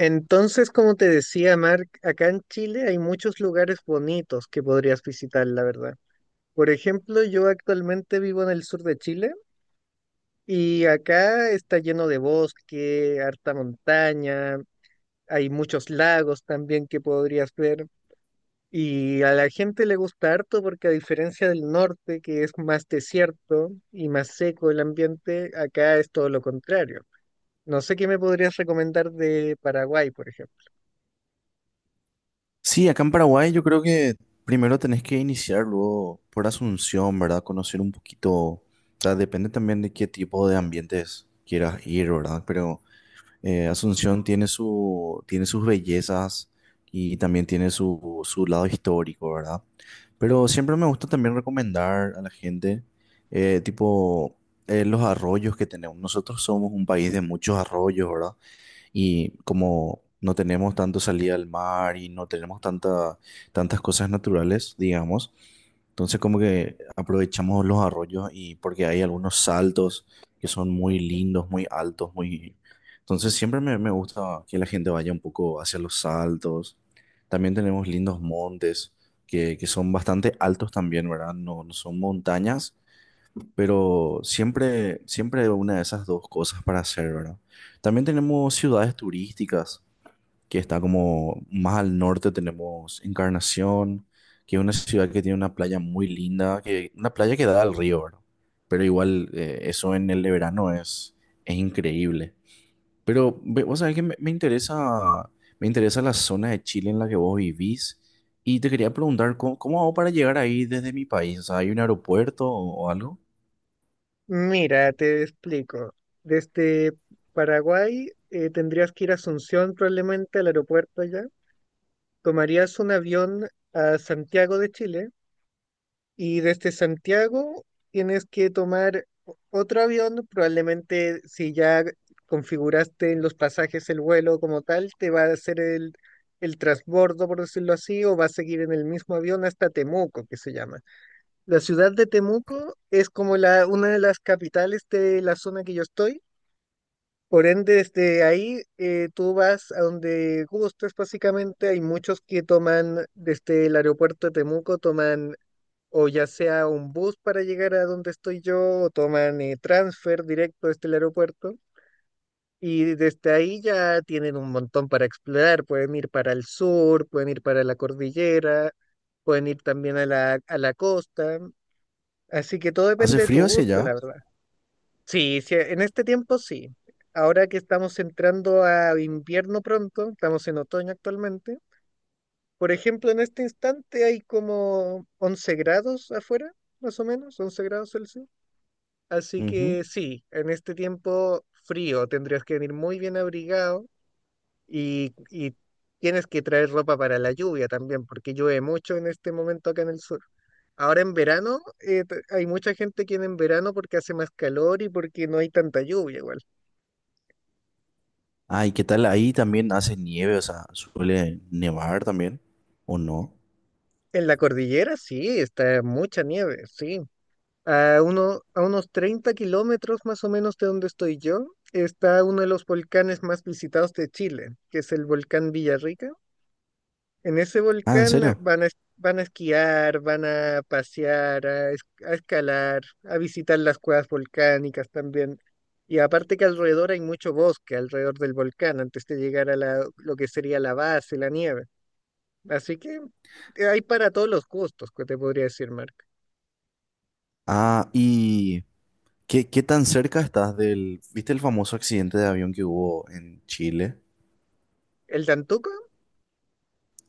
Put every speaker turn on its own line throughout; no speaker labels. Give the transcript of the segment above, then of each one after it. Entonces, como te decía, Mark, acá en Chile hay muchos lugares bonitos que podrías visitar, la verdad. Por ejemplo, yo actualmente vivo en el sur de Chile y acá está lleno de bosque, harta montaña, hay muchos lagos también que podrías ver. Y a la gente le gusta harto porque a diferencia del norte, que es más desierto y más seco el ambiente, acá es todo lo contrario. No sé qué me podrías recomendar de Paraguay, por ejemplo.
Sí, acá en Paraguay yo creo que primero tenés que iniciar luego por Asunción, ¿verdad? Conocer un poquito, o sea, depende también de qué tipo de ambientes quieras ir, ¿verdad? Pero Asunción tiene tiene sus bellezas y también tiene su lado histórico, ¿verdad? Pero siempre me gusta también recomendar a la gente, eh, tipo, los arroyos que tenemos. Nosotros somos un país de muchos arroyos, ¿verdad? Y como no tenemos tanto salida al mar y no tenemos tantas cosas naturales, digamos, entonces como que aprovechamos los arroyos y porque hay algunos saltos que son muy lindos, muy altos, muy... Entonces siempre me gusta que la gente vaya un poco hacia los saltos. También tenemos lindos montes que son bastante altos también, ¿verdad? No, no son montañas, pero siempre hay una de esas dos cosas para hacer, ¿verdad? También tenemos ciudades turísticas, que está como más al norte tenemos Encarnación, que es una ciudad que tiene una playa muy linda, una playa que da al río, ¿verdad? Pero igual eso en el verano es increíble. Pero vos sabés que me interesa la zona de Chile en la que vos vivís y te quería preguntar, ¿cómo hago para llegar ahí desde mi país? O sea, ¿hay un aeropuerto o algo?
Mira, te explico. Desde Paraguay tendrías que ir a Asunción probablemente al aeropuerto allá. Tomarías un avión a Santiago de Chile y desde Santiago tienes que tomar otro avión. Probablemente si ya configuraste en los pasajes el vuelo como tal, te va a hacer el transbordo, por decirlo así, o va a seguir en el mismo avión hasta Temuco, que se llama. La ciudad de Temuco es como una de las capitales de la zona que yo estoy. Por ende, desde ahí tú vas a donde gustes, básicamente. Hay muchos que toman desde el aeropuerto de Temuco, toman o ya sea un bus para llegar a donde estoy yo, o toman transfer directo desde el aeropuerto. Y desde ahí ya tienen un montón para explorar. Pueden ir para el sur, pueden ir para la cordillera, pueden ir también a la costa. Así que todo
¿Hace
depende de tu
frío hacia
gusto,
allá?
la verdad. Sí, sí, en este tiempo sí. Ahora que estamos entrando a invierno pronto, estamos en otoño actualmente. Por ejemplo, en este instante hay como 11 grados afuera, más o menos, 11 grados Celsius. Así
Ujú.
que sí, en este tiempo frío tendrías que venir muy bien abrigado y tienes que traer ropa para la lluvia también, porque llueve mucho en este momento acá en el sur. Ahora en verano, hay mucha gente que viene en verano porque hace más calor y porque no hay tanta lluvia igual.
Ay, ¿qué tal? Ahí también hace nieve, o sea, suele nevar también, ¿o no?
En la cordillera sí, está mucha nieve, sí. A a unos 30 kilómetros más o menos de donde estoy yo, está uno de los volcanes más visitados de Chile, que es el volcán Villarrica. En ese
Ah, ¿en
volcán
serio?
van a, van a esquiar, van a pasear, a escalar, a visitar las cuevas volcánicas también. Y aparte que alrededor hay mucho bosque, alrededor del volcán, antes de llegar a lo que sería la base, la nieve. Así que hay para todos los gustos, que te podría decir, Marc.
Ah, ¿y qué tan cerca estás del... ¿Viste el famoso accidente de avión que hubo en Chile?
¿El Tantuco?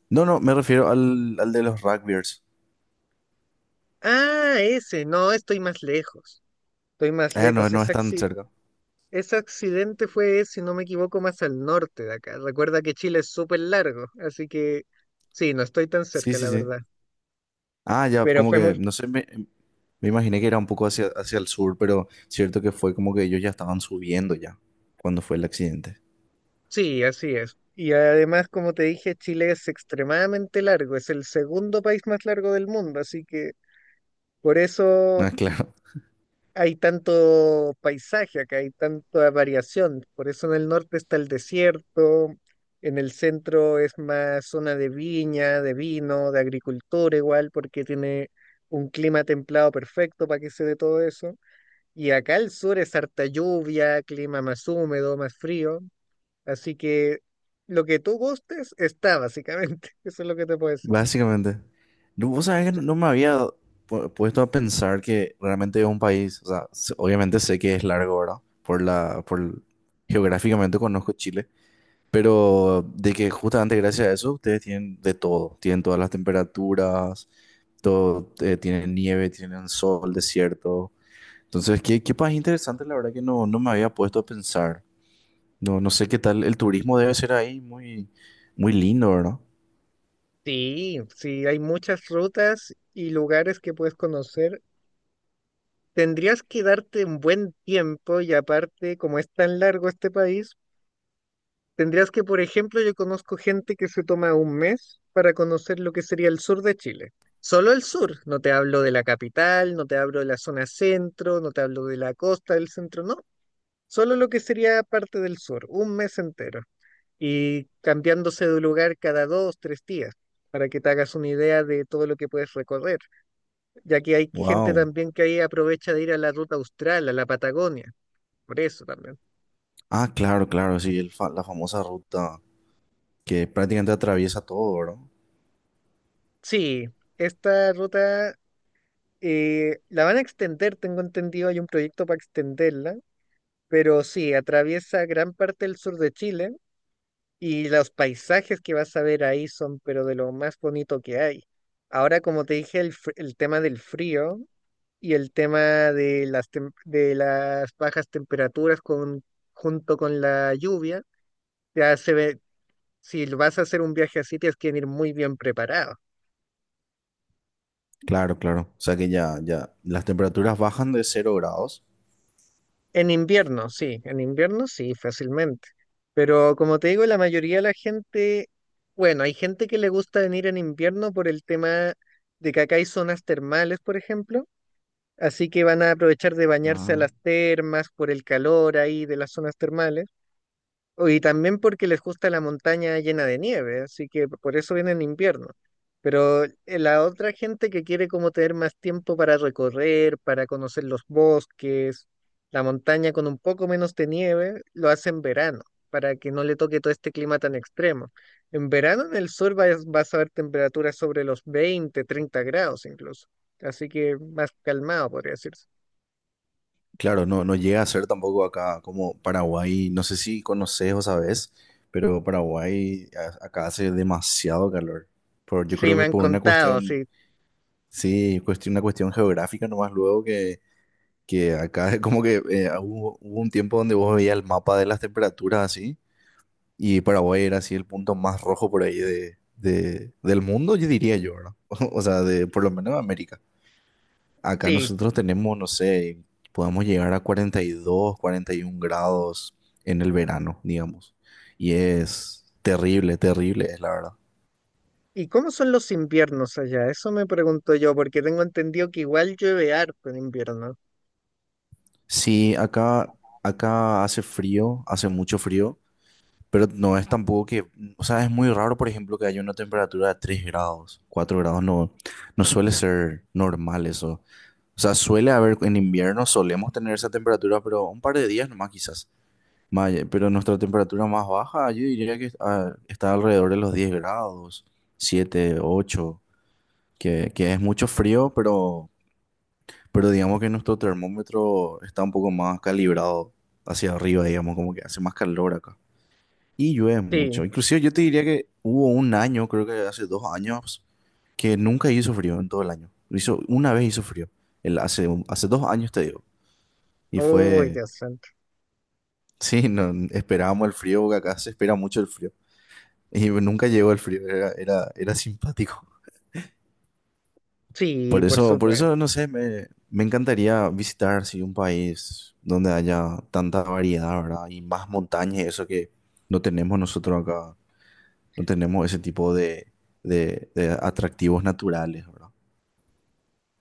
No, no, me refiero al de los rugbyers.
Ah, ese, no, estoy más lejos. Estoy más
Ah, no,
lejos.
no es tan cerca.
Ese accidente fue, si no me equivoco, más al norte de acá. Recuerda que Chile es súper largo, así que sí, no estoy tan
Sí,
cerca,
sí,
la
sí.
verdad.
Ah, ya,
Pero
como
fue
que,
muy...
no sé, me imaginé que era un poco hacia el sur, pero cierto que fue como que ellos ya estaban subiendo ya cuando fue el accidente.
Sí, así es. Y además, como te dije, Chile es extremadamente largo, es el segundo país más largo del mundo, así que por eso
Ah, claro.
hay tanto paisaje acá, hay tanta variación. Por eso en el norte está el desierto, en el centro es más zona de viña, de vino, de agricultura igual, porque tiene un clima templado perfecto para que se dé todo eso. Y acá al sur es harta lluvia, clima más húmedo, más frío. Así que lo que tú gustes está básicamente. Eso es lo que te puedo decir.
Básicamente. No, vos sabés que no me había puesto a pensar que realmente es un país, o sea, obviamente sé que es largo, ¿verdad? Por geográficamente conozco Chile, pero de que justamente gracias a eso ustedes tienen de todo, tienen todas las temperaturas, todo, tienen nieve, tienen sol, desierto. Entonces, qué país interesante, la verdad que no, no me había puesto a pensar. No, no sé qué tal, el turismo debe ser ahí muy, muy lindo, ¿verdad?
Sí, sí, hay muchas rutas y lugares que puedes conocer. Tendrías que darte un buen tiempo y aparte, como es tan largo este país, tendrías que, por ejemplo, yo conozco gente que se toma un mes para conocer lo que sería el sur de Chile. Solo el sur, no te hablo de la capital, no te hablo de la zona centro, no te hablo de la costa del centro, no. Solo lo que sería parte del sur, un mes entero. Y cambiándose de lugar cada dos, tres días, para que te hagas una idea de todo lo que puedes recorrer. Ya que hay gente
Wow.
también que ahí aprovecha de ir a la ruta austral, a la Patagonia por eso también.
Ah, claro, claro, sí, el la famosa ruta que prácticamente atraviesa todo, ¿verdad?
Sí, esta ruta la van a extender, tengo entendido, hay un proyecto para extenderla, pero sí, atraviesa gran parte del sur de Chile y los paisajes que vas a ver ahí son, pero de lo más bonito que hay. Ahora, como te dije, el tema del frío y el tema de las bajas temperaturas, junto con la lluvia, ya se ve, si vas a hacer un viaje así, tienes que venir muy bien preparado.
Claro, claro. O sea que ya, ya, las temperaturas bajan de 0 grados.
En invierno sí, fácilmente. Pero como te digo, la mayoría de la gente, bueno, hay gente que le gusta venir en invierno por el tema de que acá hay zonas termales, por ejemplo, así que van a aprovechar de bañarse a
Ah.
las termas por el calor ahí de las zonas termales. Oh, y también porque les gusta la montaña llena de nieve, así que por eso viene en invierno. Pero la otra gente que quiere como tener más tiempo para recorrer, para conocer los bosques, la montaña con un poco menos de nieve, lo hace en verano, para que no le toque todo este clima tan extremo. En verano en el sur vas a ver temperaturas sobre los 20 30 grados incluso. Así que más calmado, podría decirse.
Claro, no, no llega a ser tampoco acá como Paraguay, no sé si conoces o sabes, pero Paraguay acá hace demasiado calor. Yo
Sí,
creo
me
que
han
por una
contado,
cuestión,
sí,
sí, una cuestión geográfica nomás luego que acá es como que hubo un tiempo donde vos veías el mapa de las temperaturas así. Y Paraguay era así el punto más rojo por ahí del mundo, yo diría yo, ¿verdad? O sea, por lo menos de América. Acá
sí.
nosotros tenemos, no sé, podemos llegar a 40 42 40 y 41 grados en el verano, digamos. Y es terrible, terrible, es la verdad.
¿Y cómo son los inviernos allá? Eso me pregunto yo, porque tengo entendido que igual llueve harto en invierno.
Sí, acá hace frío, hace mucho frío, pero no es tampoco o sea, es muy raro, por ejemplo, que haya una temperatura de 3 grados, 4 grados, no, no suele ser normal eso. O sea, suele haber en invierno, solemos tener esa temperatura, pero un par de días nomás quizás. Pero nuestra temperatura más baja, yo diría que está alrededor de los 10 grados, 7 8 que es mucho frío, pero digamos que nuestro termómetro está un poco más calibrado hacia arriba, digamos, como que hace más calor acá. Y llueve
Sí.
mucho. Inclusive yo te diría que hubo un año, creo que hace 2 años, que nunca hizo frío en todo el año. Una vez hizo frío. Hace 2 años te digo. Y
Oh,
fue,
ya santo.
sí, no, esperábamos el frío, porque acá se espera mucho el frío. Y nunca llegó el frío, era simpático.
Sí,
Por
por
eso, por
supuesto.
eso, no sé, me encantaría visitar, sí, un país donde haya tanta variedad, ¿verdad? Y más montañas, y eso que no tenemos nosotros acá, no tenemos ese tipo de atractivos naturales, ¿verdad?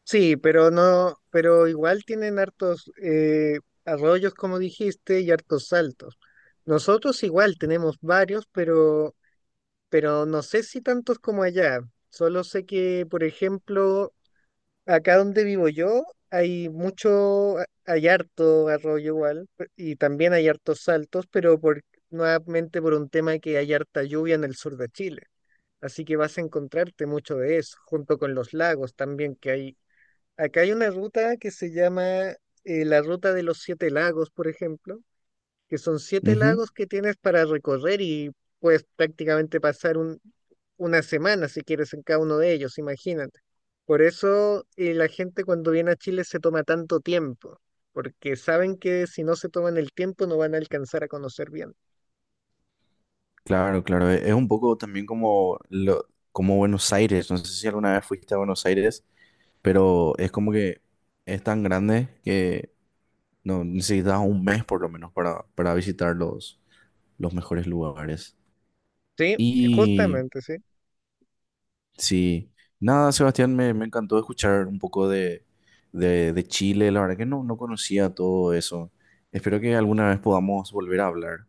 Sí, pero no, pero igual tienen hartos arroyos, como dijiste, y hartos saltos. Nosotros igual tenemos varios, pero no sé si tantos como allá. Solo sé que, por ejemplo, acá donde vivo yo hay mucho, hay harto arroyo igual, y también hay hartos saltos, pero nuevamente por un tema que hay harta lluvia en el sur de Chile. Así que vas a encontrarte mucho de eso, junto con los lagos también que hay. Acá hay una ruta que se llama la Ruta de los Siete Lagos, por ejemplo, que son siete
Ujú.
lagos que tienes para recorrer y puedes prácticamente pasar una semana si quieres en cada uno de ellos, imagínate. Por eso la gente cuando viene a Chile se toma tanto tiempo, porque saben que si no se toman el tiempo no van a alcanzar a conocer bien.
Claro, claro, es un poco también como Buenos Aires, no sé si alguna vez fuiste a Buenos Aires pero es como que es tan grande que no necesitas un mes por lo menos para visitar los mejores lugares.
Sí,
Y
justamente, sí.
sí, nada, Sebastián, me encantó escuchar un poco de Chile, la verdad que no, no conocía todo eso. Espero que alguna vez podamos volver a hablar.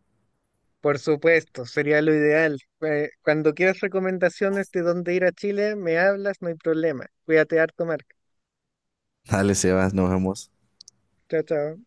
Por supuesto, sería lo ideal. Cuando quieras recomendaciones de dónde ir a Chile, me hablas, no hay problema. Cuídate harto, Marco.
Dale, Sebas, nos vemos.
Chao, chao.